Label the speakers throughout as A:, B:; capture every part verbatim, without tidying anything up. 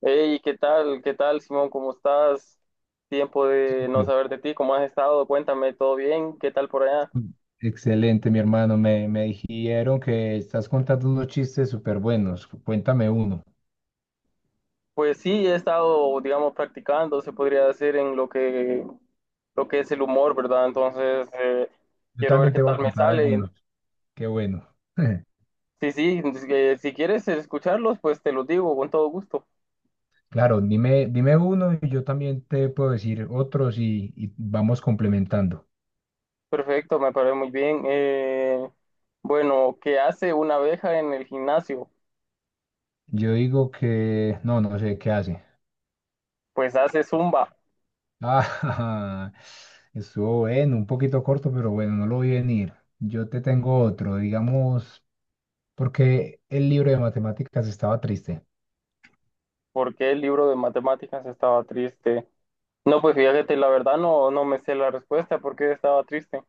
A: Hey, ¿qué tal? ¿Qué tal, Simón? ¿Cómo estás? Tiempo de no
B: Súper.
A: saber de ti. ¿Cómo has estado? Cuéntame, ¿todo bien? ¿Qué tal por allá?
B: Excelente, mi hermano. Me, me dijeron que estás contando unos chistes súper buenos. Cuéntame uno.
A: Pues sí, he estado, digamos, practicando, se podría decir, en lo que, lo que es el humor, ¿verdad? Entonces, eh,
B: Yo
A: quiero ver
B: también
A: qué
B: te voy
A: tal
B: a
A: me
B: contar
A: sale.
B: algunos. Qué bueno.
A: Sí, sí, eh, si quieres escucharlos, pues te los digo con todo gusto.
B: Claro, dime, dime uno y yo también te puedo decir otros y, y vamos complementando.
A: Perfecto, me parece muy bien. Eh, bueno, ¿qué hace una abeja en el gimnasio?
B: Yo digo que no, no sé qué hace.
A: Pues hace zumba.
B: Ah, estuvo bueno, un poquito corto, pero bueno, no lo vi venir. Yo te tengo otro, digamos, porque el libro de matemáticas estaba triste.
A: ¿Por qué el libro de matemáticas estaba triste? No, pues fíjate, la verdad no, no me sé la respuesta porque estaba triste.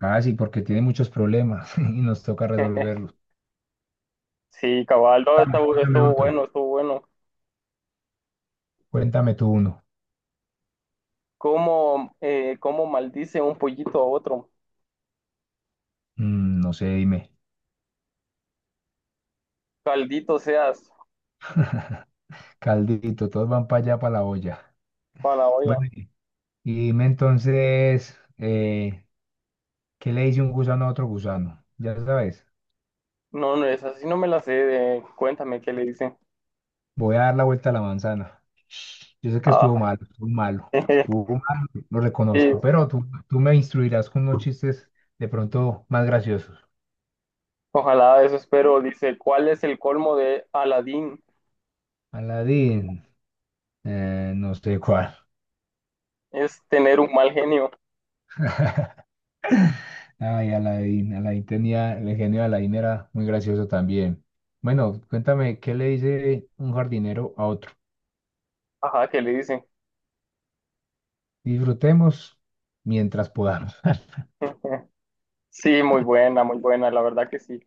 B: Ah, sí, porque tiene muchos problemas y nos toca resolverlos.
A: Sí, cabal, no, estuvo,
B: Cuéntame
A: estuvo
B: otro.
A: bueno, estuvo bueno.
B: Cuéntame tú uno.
A: ¿Cómo, eh, cómo maldice un pollito a otro?
B: Mm, no sé, dime.
A: Caldito seas
B: Caldito, todos van para allá, para la olla.
A: para la olla.
B: Bueno, y y dime entonces, eh, ¿qué le dice un gusano a otro gusano? Ya sabes,
A: No, no es así, no me la sé. de- Cuéntame qué le dice.
B: voy a dar la vuelta a la manzana. Yo sé que
A: Ah,
B: estuvo malo, estuvo malo, estuvo malo, lo
A: sí,
B: reconozco, pero tú, tú me instruirás con unos chistes de pronto más graciosos.
A: ojalá eso espero. Dice, ¿cuál es el colmo de Aladín?
B: Aladín, eh, no sé cuál.
A: Es tener un mal genio.
B: Ay, Alain, Alain tenía, el genio de Alain era muy gracioso también. Bueno, cuéntame, ¿qué le dice un jardinero a otro?
A: Ajá, ¿qué le dice?
B: Disfrutemos mientras podamos.
A: Sí, muy buena, muy buena, la verdad que sí.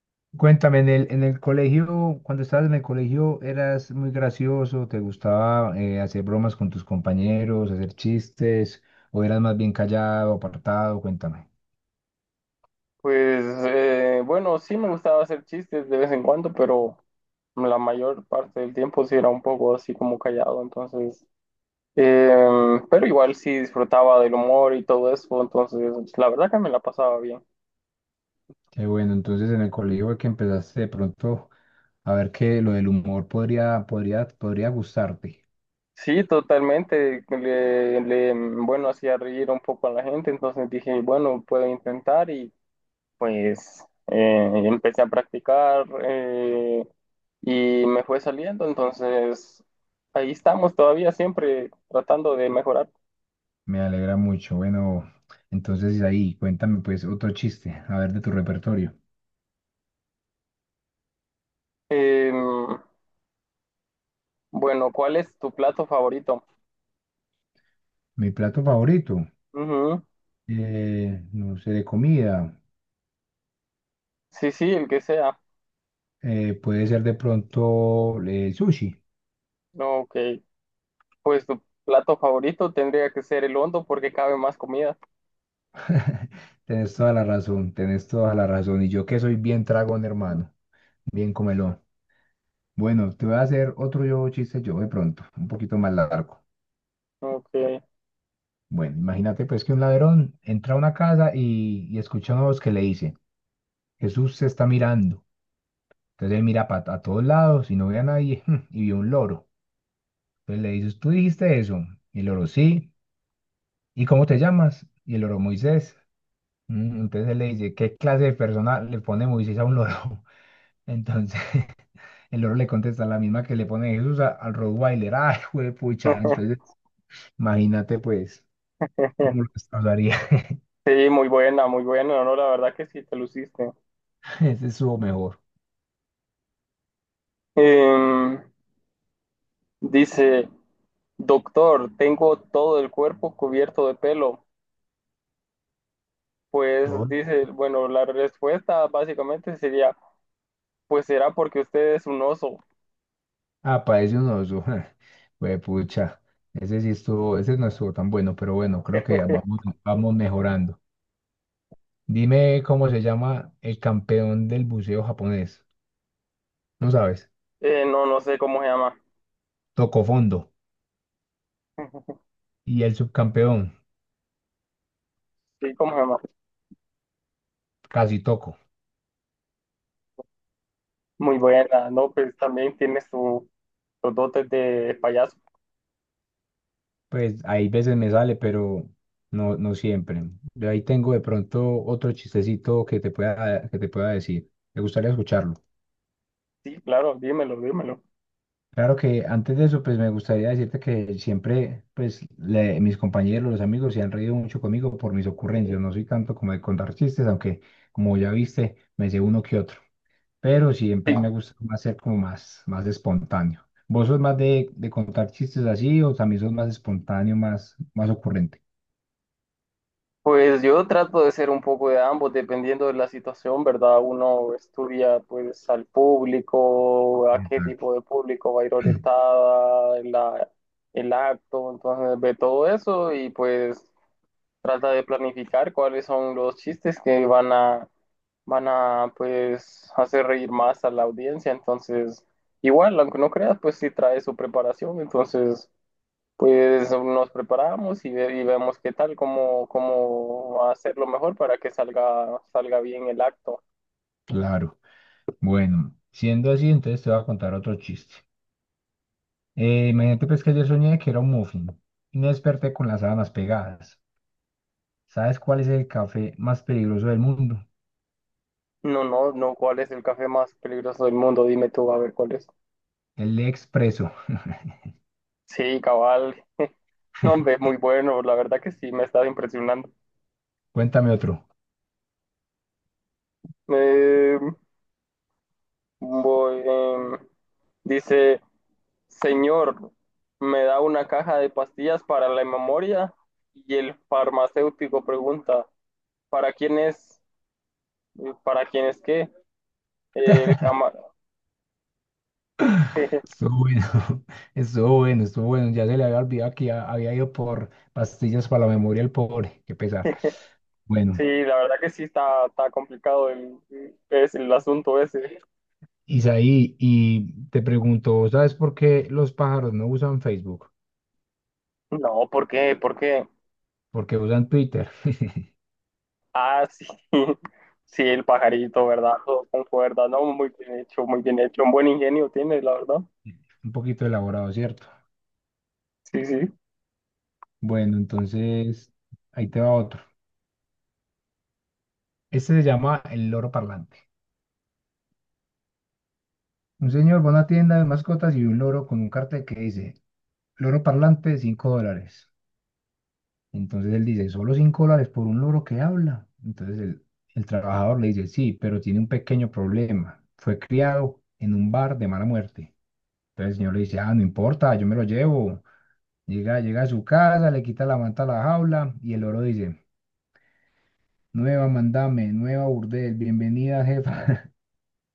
B: Cuéntame, en el, en el colegio, cuando estabas en el colegio, ¿eras muy gracioso? ¿Te gustaba eh, hacer bromas con tus compañeros, hacer chistes? ¿O eras más bien callado, apartado? Cuéntame.
A: Pues eh, bueno, sí me gustaba hacer chistes de vez en cuando, pero la mayor parte del tiempo sí era un poco así como callado, entonces, eh, pero igual sí disfrutaba del humor y todo eso, entonces la verdad que me la pasaba bien.
B: Qué bueno, entonces en el colegio fue que empezaste de pronto a ver que lo del humor podría, podría, podría gustarte.
A: Sí, totalmente, le, le, bueno, hacía reír un poco a la gente, entonces dije, bueno, puedo intentar y pues eh, empecé a practicar eh, y me fue saliendo, entonces ahí estamos todavía siempre tratando de mejorar.
B: Me alegra mucho. Bueno, entonces ahí, cuéntame pues otro chiste, a ver de tu repertorio.
A: Eh, bueno, ¿cuál es tu plato favorito?
B: Mi plato favorito,
A: Ujú.
B: eh, no sé, de comida,
A: Sí, sí, el que sea.
B: eh, puede ser de pronto eh, el sushi.
A: Ok, pues tu plato favorito tendría que ser el hondo porque cabe más comida.
B: Tenés toda la razón, tenés toda la razón. Y yo que soy bien tragón, hermano, bien comelón. Bueno, te voy a hacer otro yo chiste yo de pronto, un poquito más largo.
A: Ok.
B: Bueno, imagínate pues que un ladrón entra a una casa y, y escucha una voz que le dice, Jesús se está mirando. Entonces él mira pa- a todos lados y no ve a nadie y vio un loro. Entonces le dices, ¿tú dijiste eso? Y el loro, sí. ¿Y cómo te llamas? Y el loro, Moisés. "Mm", entonces él le dice, ¿qué clase de persona le pone Moisés a un loro? Entonces el loro le contesta la misma que le pone Jesús a- al Rottweiler. ¡Ay, juepucha! Entonces imagínate pues cómo lo destrozaría.
A: Sí, muy buena, muy buena, no, la verdad que sí, te luciste.
B: Ese estuvo mejor.
A: Em, Dice, doctor, tengo todo el cuerpo cubierto de pelo. Pues
B: Todo.
A: dice, bueno, la respuesta básicamente sería, pues será porque usted es un oso.
B: Ah, parece un oso. Pucha. Ese sí estuvo, ese no estuvo tan bueno, pero bueno, creo que vamos, vamos mejorando. Dime cómo se llama el campeón del buceo japonés. No sabes.
A: Eh, no, no sé cómo se llama.
B: Tocó fondo. Y el subcampeón,
A: Sí, cómo se llama.
B: casi toco.
A: Muy buena, ¿no? Pues también tiene su, sus dotes de payaso.
B: Pues hay veces me sale, pero no, no siempre. Yo ahí tengo de pronto otro chistecito que te pueda, que te pueda decir. ¿Te gustaría escucharlo?
A: Sí, claro, dímelo, dímelo.
B: Claro que antes de eso, pues me gustaría decirte que siempre, pues le- mis compañeros, los amigos se han reído mucho conmigo por mis ocurrencias. No soy tanto como de contar chistes, aunque como ya viste, me sé uno que otro. Pero
A: Sí,
B: siempre me gusta más ser como más, más espontáneo. ¿Vos sos más de, de contar chistes así o también sos más espontáneo, más, más ocurrente?
A: pues yo trato de ser un poco de ambos, dependiendo de la situación, ¿verdad? Uno estudia pues al público, a qué tipo de público va a ir orientada en la, el acto, entonces ve todo eso y pues trata de planificar cuáles son los chistes que van a, van a pues hacer reír más a la audiencia, entonces igual, aunque no creas, pues sí trae su preparación, entonces... Pues nos preparamos y, ve- y vemos qué tal, cómo, cómo hacerlo mejor para que salga, salga bien el acto.
B: Claro. Bueno, siendo así, entonces te voy a contar otro chiste. Eh, imagínate pues que yo soñé que era un muffin y me desperté con las sábanas pegadas. ¿Sabes cuál es el café más peligroso del mundo?
A: No, no, no, ¿cuál es el café más peligroso del mundo? Dime tú, a ver cuál es.
B: El expreso.
A: Sí, cabal. No, hombre, es muy bueno, la verdad que sí, me está impresionando.
B: Cuéntame otro.
A: Eh, voy, em, dice, señor, me da una caja de pastillas para la memoria y el farmacéutico pregunta, ¿para quién es? ¿Para quién es qué? El cama-
B: Estuvo bueno, estuvo bueno, estuvo bueno. Ya se le había olvidado que ya había ido por pastillas para la memoria el pobre. Qué pesar.
A: Sí,
B: Bueno,
A: la verdad que sí está, está complicado el, es el asunto ese.
B: Isaí, y te pregunto, ¿sabes por qué los pájaros no usan Facebook?
A: No, ¿por qué? ¿Por qué?
B: Porque usan Twitter.
A: Ah, sí. Sí, el pajarito, ¿verdad? Todo con cuerda, ¿no? Muy bien hecho, muy bien hecho. Un buen ingenio tiene, la verdad.
B: Un poquito elaborado, ¿cierto?
A: Sí, sí.
B: Bueno, entonces ahí te va otro. Este se llama el loro parlante. Un señor va a una tienda de mascotas y ve un loro con un cartel que dice, loro parlante, cinco dólares. Entonces él dice, solo cinco dólares por un loro que habla. Entonces el, el trabajador le dice, sí, pero tiene un pequeño problema. Fue criado en un bar de mala muerte. Entonces el señor le dice, ah, no importa, yo me lo llevo. Llega, llega a su casa, le quita la manta a la jaula y el loro dice, nueva mandame, nueva burdel, bienvenida jefa.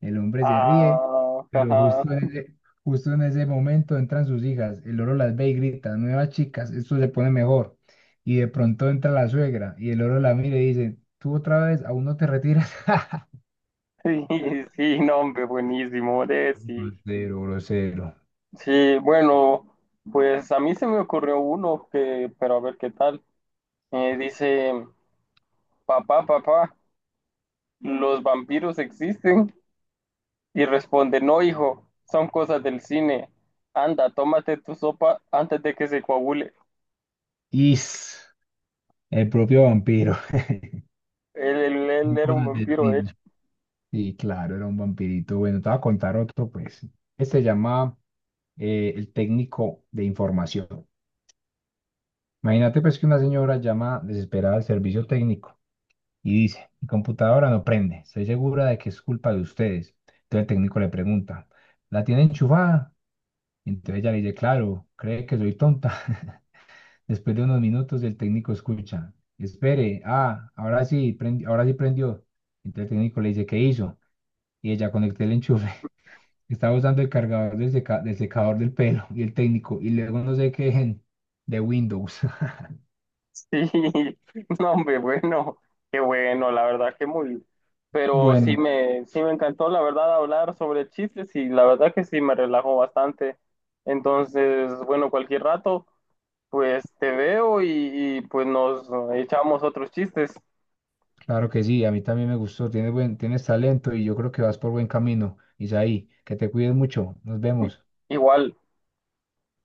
B: El hombre se ríe,
A: Ah,
B: pero
A: ajá.
B: justo en ese, justo en ese momento entran sus hijas. El loro las ve y grita, nuevas chicas, esto se pone mejor. Y de pronto entra la suegra y el loro la mira y dice, tú otra vez, aún no te retiras.
A: Sí, sí, no, hombre, buenísimo, hombre, sí.
B: Grosero, grosero.
A: Sí, bueno, pues a mí se me ocurrió uno que, pero a ver qué tal. Eh, dice, papá, papá, ¿los vampiros existen? Y responde, no, hijo, son cosas del cine. Anda, tómate tu sopa antes de que se coagule.
B: Is, el propio vampiro.
A: Él, él- él
B: Son
A: era un
B: cosas del
A: vampiro, de hecho.
B: cine. Sí, claro, era un vampirito. Bueno, te voy a contar otro, pues. Este se llama eh, el técnico de información. Imagínate, pues, que una señora llama desesperada al servicio técnico y dice, mi computadora no prende, estoy segura de que es culpa de ustedes. Entonces el técnico le pregunta, ¿la tiene enchufada? Y entonces ella le dice, claro, cree que soy tonta. Después de unos minutos el técnico escucha, espere, ah, ahora sí, prendi- ahora sí prendió. Entonces el técnico le dice, ¿qué hizo? Y ella conecté el enchufe. Estaba usando el cargador del, seca- del secador del pelo y el técnico, y luego no sé qué, de Windows.
A: Sí, no, hombre, bueno, qué bueno, la verdad, que muy... Pero sí
B: Bueno,
A: me, sí me encantó, la verdad, hablar sobre chistes y la verdad que sí me relajó bastante. Entonces, bueno, cualquier rato, pues te veo y, y, pues nos echamos otros chistes.
B: claro que sí, a mí también me gustó, tienes buen, tienes talento y yo creo que vas por buen camino. Isaí, que te cuides mucho, nos
A: I-
B: vemos.
A: Igual.